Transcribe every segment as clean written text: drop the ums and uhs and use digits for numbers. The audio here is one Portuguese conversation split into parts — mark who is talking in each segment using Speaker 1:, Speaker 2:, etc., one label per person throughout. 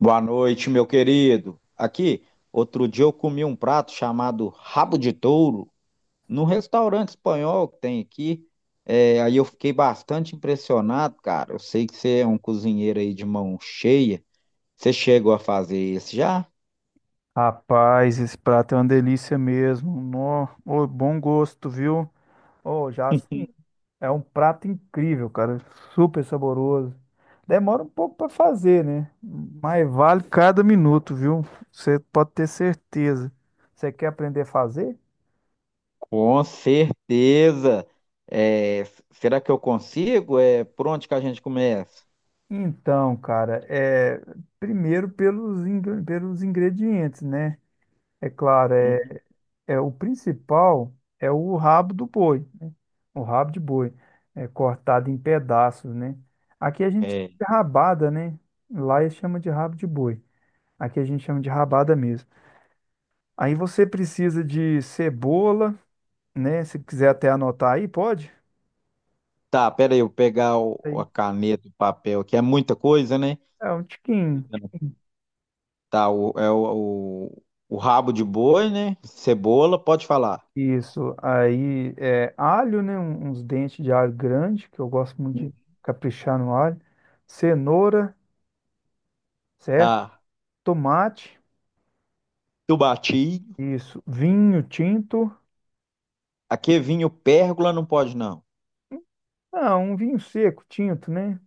Speaker 1: Boa noite, meu querido. Aqui, outro dia eu comi um prato chamado rabo de touro num restaurante espanhol que tem aqui. É, aí eu fiquei bastante impressionado, cara. Eu sei que você é um cozinheiro aí de mão cheia. Você chegou a fazer isso já?
Speaker 2: Rapaz, esse prato é uma delícia mesmo. Nó, ô, bom gosto, viu? Ô, já assim, é um prato incrível, cara. Super saboroso. Demora um pouco para fazer, né? Mas vale cada minuto, viu? Você pode ter certeza. Você quer aprender a fazer?
Speaker 1: Com certeza. É, será que eu consigo? É, por onde que a gente começa?
Speaker 2: Então, cara, é primeiro pelos, pelos ingredientes, né? É claro, é
Speaker 1: Uhum.
Speaker 2: é o principal é o rabo do boi, né? O rabo de boi é cortado em pedaços, né? Aqui a gente chama
Speaker 1: É.
Speaker 2: de rabada, né? Lá eles chamam de rabo de boi. Aqui a gente chama de rabada mesmo. Aí você precisa de cebola, né? Se quiser até anotar aí, pode?
Speaker 1: Tá, pera aí, eu pegar
Speaker 2: Aí.
Speaker 1: a caneta e o papel, que é muita coisa, né?
Speaker 2: É um tiquinho.
Speaker 1: Tá, o, é o rabo de boi, né? Cebola, pode falar.
Speaker 2: Isso. Aí é alho, né? Uns dentes de alho grande, que eu gosto muito de caprichar no alho. Cenoura, certo?
Speaker 1: Tá,
Speaker 2: Tomate.
Speaker 1: chubatinho.
Speaker 2: Isso. Vinho tinto.
Speaker 1: Aqui vinho pérgola não pode não.
Speaker 2: Ah, um vinho seco, tinto, né?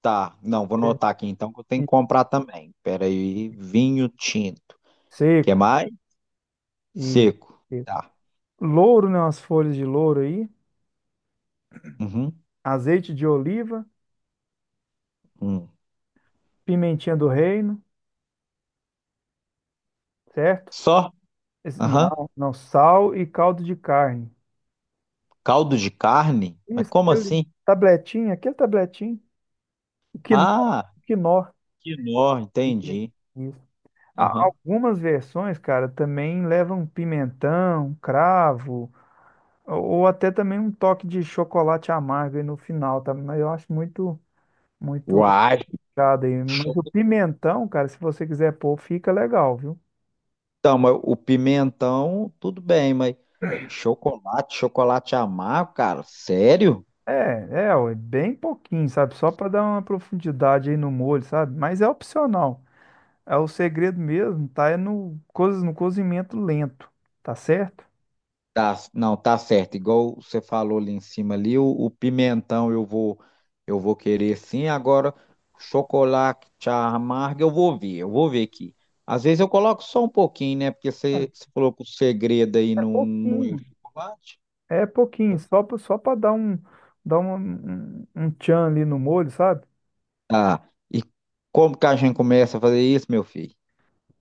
Speaker 1: Tá, não, vou anotar aqui então que eu tenho
Speaker 2: E
Speaker 1: que comprar também. Pera aí, vinho tinto. Quer
Speaker 2: seco.
Speaker 1: mais?
Speaker 2: E
Speaker 1: Seco.
Speaker 2: seco.
Speaker 1: Tá.
Speaker 2: Louro, né? Umas folhas de louro aí.
Speaker 1: Uhum.
Speaker 2: Azeite de oliva.
Speaker 1: Hum.
Speaker 2: Pimentinha do reino, certo?
Speaker 1: Só? Aham.
Speaker 2: Não, não. Sal e caldo de carne.
Speaker 1: Caldo de carne? Mas
Speaker 2: Isso,
Speaker 1: como
Speaker 2: aquele
Speaker 1: assim?
Speaker 2: tabletinho. O quinó.
Speaker 1: Ah,
Speaker 2: O quinó.
Speaker 1: quinó,
Speaker 2: Isso.
Speaker 1: entendi.
Speaker 2: Isso.
Speaker 1: Aham.
Speaker 2: Algumas versões, cara, também levam pimentão, cravo, ou até também um toque de chocolate amargo aí no final, tá? Mas eu acho muito. Muito
Speaker 1: Uai.
Speaker 2: complicado aí. Mas o pimentão, cara, se você quiser pôr, fica legal, viu?
Speaker 1: Então, mas o pimentão, tudo bem, mas chocolate, chocolate amargo, cara, sério?
Speaker 2: É, Ó, é bem pouquinho, sabe? Só para dar uma profundidade aí no molho, sabe? Mas é opcional. É o segredo mesmo, tá? É no, coisas no cozimento lento, tá certo?
Speaker 1: Tá, não, tá certo. Igual você falou ali em cima ali, o pimentão eu vou querer sim. Agora, chocolate amargo eu vou ver aqui. Às vezes eu coloco só um pouquinho, né? Porque você falou que o segredo aí
Speaker 2: É
Speaker 1: não, não é o
Speaker 2: pouquinho.
Speaker 1: chocolate.
Speaker 2: É pouquinho, só para dar um, tchan ali no molho, sabe?
Speaker 1: Tá. E como que a gente começa a fazer isso, meu filho?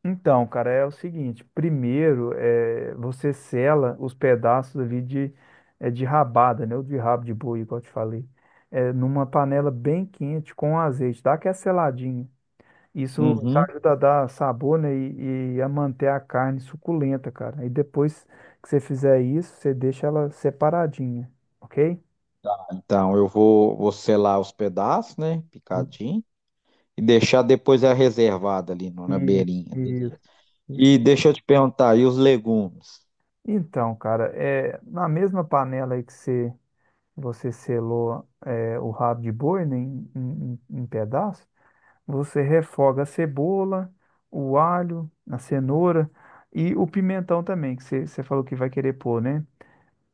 Speaker 2: Então, cara, é o seguinte: primeiro, você sela os pedaços ali de, de rabada, né? Ou de rabo de boi, igual eu te falei, numa panela bem quente com azeite, dá aquela seladinha. Isso
Speaker 1: Uhum.
Speaker 2: ajuda a dar sabor, né? E a manter a carne suculenta, cara. E depois que você fizer isso, você deixa ela separadinha, ok?
Speaker 1: Então, vou selar os pedaços, né? Picadinho. E deixar depois a reservada ali na
Speaker 2: Isso,
Speaker 1: beirinha. Beleza.
Speaker 2: isso, isso.
Speaker 1: E deixa eu te perguntar, e os legumes?
Speaker 2: Então, cara, é, na mesma panela aí que você selou é, o rabo de boi, né, em, em, em pedaços, você refoga a cebola, o alho, a cenoura e o pimentão também, que você falou que vai querer pôr, né?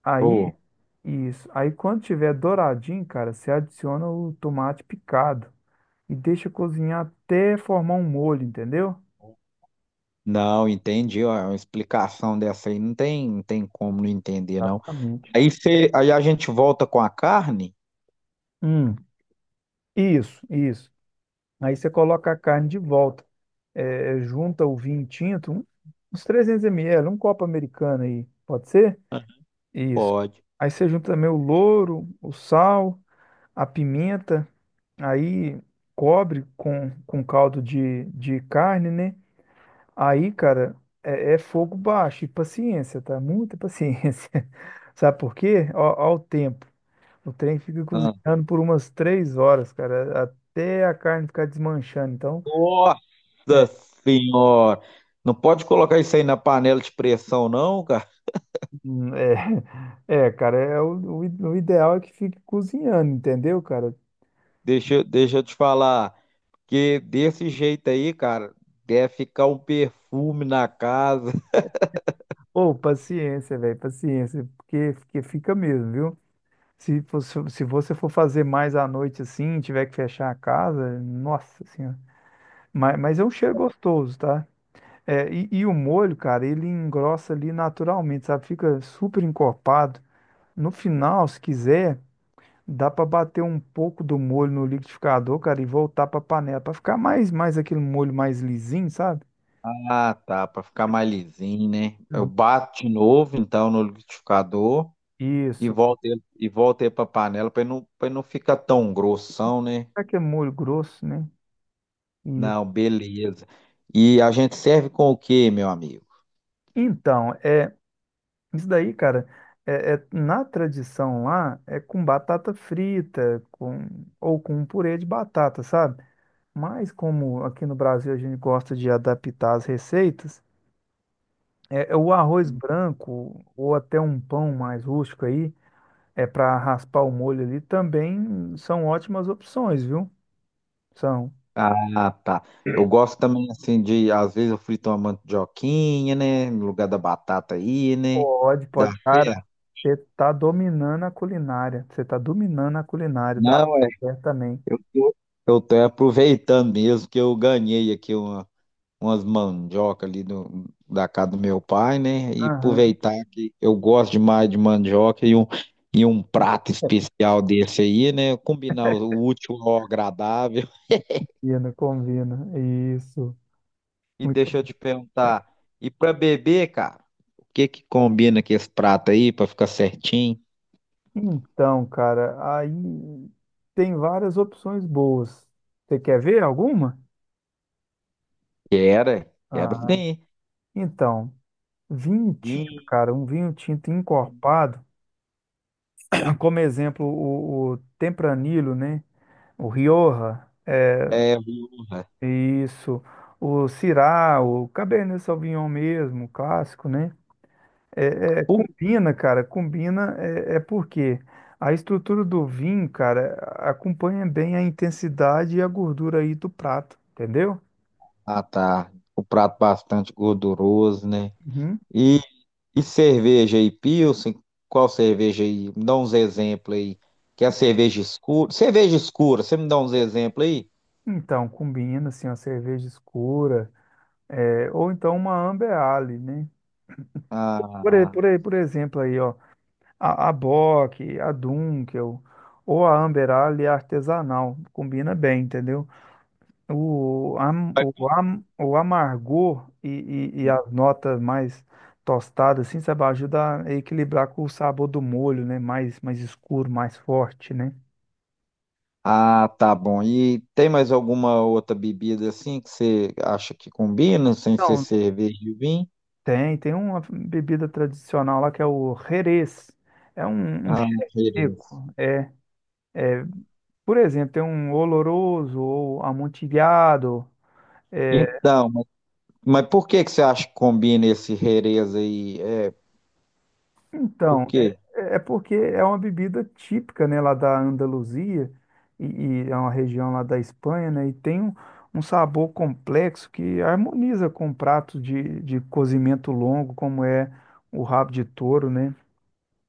Speaker 2: Aí,
Speaker 1: Vou.
Speaker 2: isso. Aí quando tiver douradinho, cara, você adiciona o tomate picado e deixa cozinhar até formar um molho, entendeu?
Speaker 1: Não, entendi. Ó, é uma explicação dessa aí não tem, não tem como não entender, não.
Speaker 2: Exatamente.
Speaker 1: Aí, cê, aí a gente volta com a carne?
Speaker 2: Hum, isso, isso. Aí você coloca a carne de volta. É, junta o vinho tinto, uns 300 ml, um copo americano aí, pode ser? Isso.
Speaker 1: Pode.
Speaker 2: Aí você junta também o louro, o sal, a pimenta, aí cobre com caldo de carne, né? Aí, cara, é, é fogo baixo e paciência, tá? Muita paciência. Sabe por quê? Ó, ó o tempo. O trem fica
Speaker 1: Ah.
Speaker 2: cozinhando por umas três horas, cara, até a carne ficar desmanchando. Então,
Speaker 1: Nossa senhora! Não pode colocar isso aí na panela de pressão, não, cara.
Speaker 2: hum, é, é, cara, é o, o ideal é que fique cozinhando, entendeu, cara?
Speaker 1: Deixa, deixa eu te falar. Que desse jeito aí, cara, deve ficar um perfume na casa.
Speaker 2: Ou paciência, velho, paciência, porque fica mesmo, viu? Se fosse, se você for fazer mais à noite assim, tiver que fechar a casa, nossa senhora. Mas é um cheiro gostoso, tá? É, e o molho, cara, ele engrossa ali naturalmente, sabe? Fica super encorpado. No final, se quiser. Dá pra bater um pouco do molho no liquidificador, cara, e voltar pra panela pra ficar mais aquele molho mais lisinho, sabe?
Speaker 1: Ah, tá, pra ficar mais lisinho, né? Eu
Speaker 2: Uhum.
Speaker 1: bato de novo, então, no liquidificador
Speaker 2: Isso.
Speaker 1: e volto ele pra panela pra ele não ficar tão grossão, né?
Speaker 2: É que é molho grosso, né? Isso.
Speaker 1: Não, beleza. E a gente serve com o quê, meu amigo?
Speaker 2: Então, é isso daí, cara. É, na tradição lá é com batata frita, com ou com um purê de batata, sabe? Mas como aqui no Brasil a gente gosta de adaptar as receitas, é, é o arroz branco ou até um pão mais rústico aí. É para raspar o molho ali, também são ótimas opções, viu? São.
Speaker 1: Ah, tá. Eu gosto também, assim, de, às vezes eu frito uma mandioquinha, né? No lugar da batata aí, né?
Speaker 2: Pode,
Speaker 1: Dá
Speaker 2: pode. Cara,
Speaker 1: certo.
Speaker 2: você tá dominando a culinária. Você tá dominando a culinária da
Speaker 1: Não, é,
Speaker 2: mulher também.
Speaker 1: eu tô, eu tô aproveitando mesmo que eu ganhei aqui uma, umas mandioca ali da casa do meu pai, né? E
Speaker 2: Aham.
Speaker 1: aproveitar que eu gosto demais de mandioca e um prato especial desse aí, né? Combinar o útil ao agradável.
Speaker 2: Combina, combina. Isso.
Speaker 1: E
Speaker 2: Muito
Speaker 1: deixa
Speaker 2: bom.
Speaker 1: eu te perguntar, e pra beber, cara, o que que combina com esse prato aí pra ficar certinho?
Speaker 2: Então, cara, aí tem várias opções boas. Você quer ver alguma?
Speaker 1: Quero, quero
Speaker 2: Ah,
Speaker 1: sim.
Speaker 2: então, vinho tinto,
Speaker 1: Vinho,
Speaker 2: cara, um vinho tinto encorpado, como exemplo, o Tempranillo, né? O Rioja, é,
Speaker 1: é,
Speaker 2: isso. O Syrah, o Cabernet Sauvignon mesmo, o clássico, né? É, é,
Speaker 1: porra.
Speaker 2: combina, cara, combina, é, é porque a estrutura do vinho, cara, acompanha bem a intensidade e a gordura aí do prato, entendeu?
Speaker 1: Ah, tá. O prato bastante gorduroso, né?
Speaker 2: Uhum.
Speaker 1: E, e cerveja aí, Pilsen? Qual cerveja aí? Me dá uns exemplos aí. Que é cerveja escura? Cerveja escura, você me dá uns exemplos aí?
Speaker 2: Então, combina, assim, uma cerveja escura, é, ou então uma Amber Ale, né?
Speaker 1: Ah,
Speaker 2: Por exemplo aí, ó. A Bock, a Dunkel ou a Amber Ale artesanal. Combina bem, entendeu?
Speaker 1: ah,
Speaker 2: O amargor e as notas mais tostadas, assim, sabe, ajuda a equilibrar com o sabor do molho, né? Mais escuro, mais forte, né?
Speaker 1: ah, tá bom. E tem mais alguma outra bebida assim que você acha que combina, sem ser
Speaker 2: Então,
Speaker 1: cerveja e vinho?
Speaker 2: tem uma bebida tradicional lá que é o Jerez. É um
Speaker 1: Ah,
Speaker 2: cheiro
Speaker 1: Jerez.
Speaker 2: seco. Por exemplo, tem um oloroso ou amontilhado.
Speaker 1: Então, mas por que que você acha que combina esse Jerez aí? É, por
Speaker 2: Então, é,
Speaker 1: quê?
Speaker 2: é porque é uma bebida típica, né, lá da Andaluzia e, e é uma região lá da Espanha, né, e tem um, um sabor complexo que harmoniza com pratos de cozimento longo, como é o rabo de touro, né?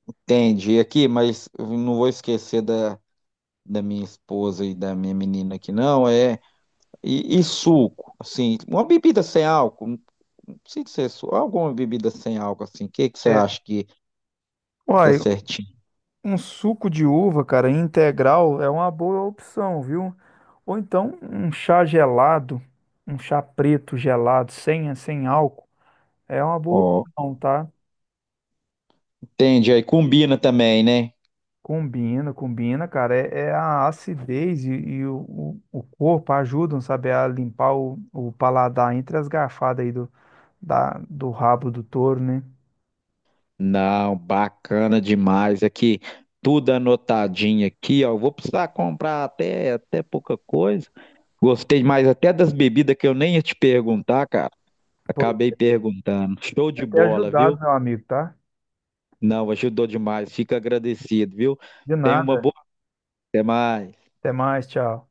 Speaker 1: Entendi aqui, mas eu não vou esquecer da minha esposa e da minha menina aqui, não. É, e suco, assim, uma bebida sem álcool, não precisa ser suco, alguma bebida sem álcool, assim, o que que você
Speaker 2: É.
Speaker 1: acha que dá
Speaker 2: Olha,
Speaker 1: certinho?
Speaker 2: um suco de uva, cara, integral é uma boa opção, viu? Ou então um chá gelado, um chá preto gelado, sem álcool, é uma boa
Speaker 1: Ó,
Speaker 2: opção, tá?
Speaker 1: entendi, aí combina também, né?
Speaker 2: Combina, combina, cara. É, é a acidez e o, o corpo ajudam, sabe, a limpar o paladar entre as garfadas aí do rabo do touro, né?
Speaker 1: Não, bacana demais aqui, tudo anotadinho aqui, ó. Eu vou precisar comprar até, até pouca coisa. Gostei mais até das bebidas que eu nem ia te perguntar, cara.
Speaker 2: Pô,
Speaker 1: Acabei perguntando. Show de
Speaker 2: até
Speaker 1: bola, viu?
Speaker 2: ajudado, meu amigo, tá?
Speaker 1: Não, ajudou demais. Fico agradecido, viu?
Speaker 2: De
Speaker 1: Tenha uma
Speaker 2: nada.
Speaker 1: boa. Até mais.
Speaker 2: Até mais, tchau.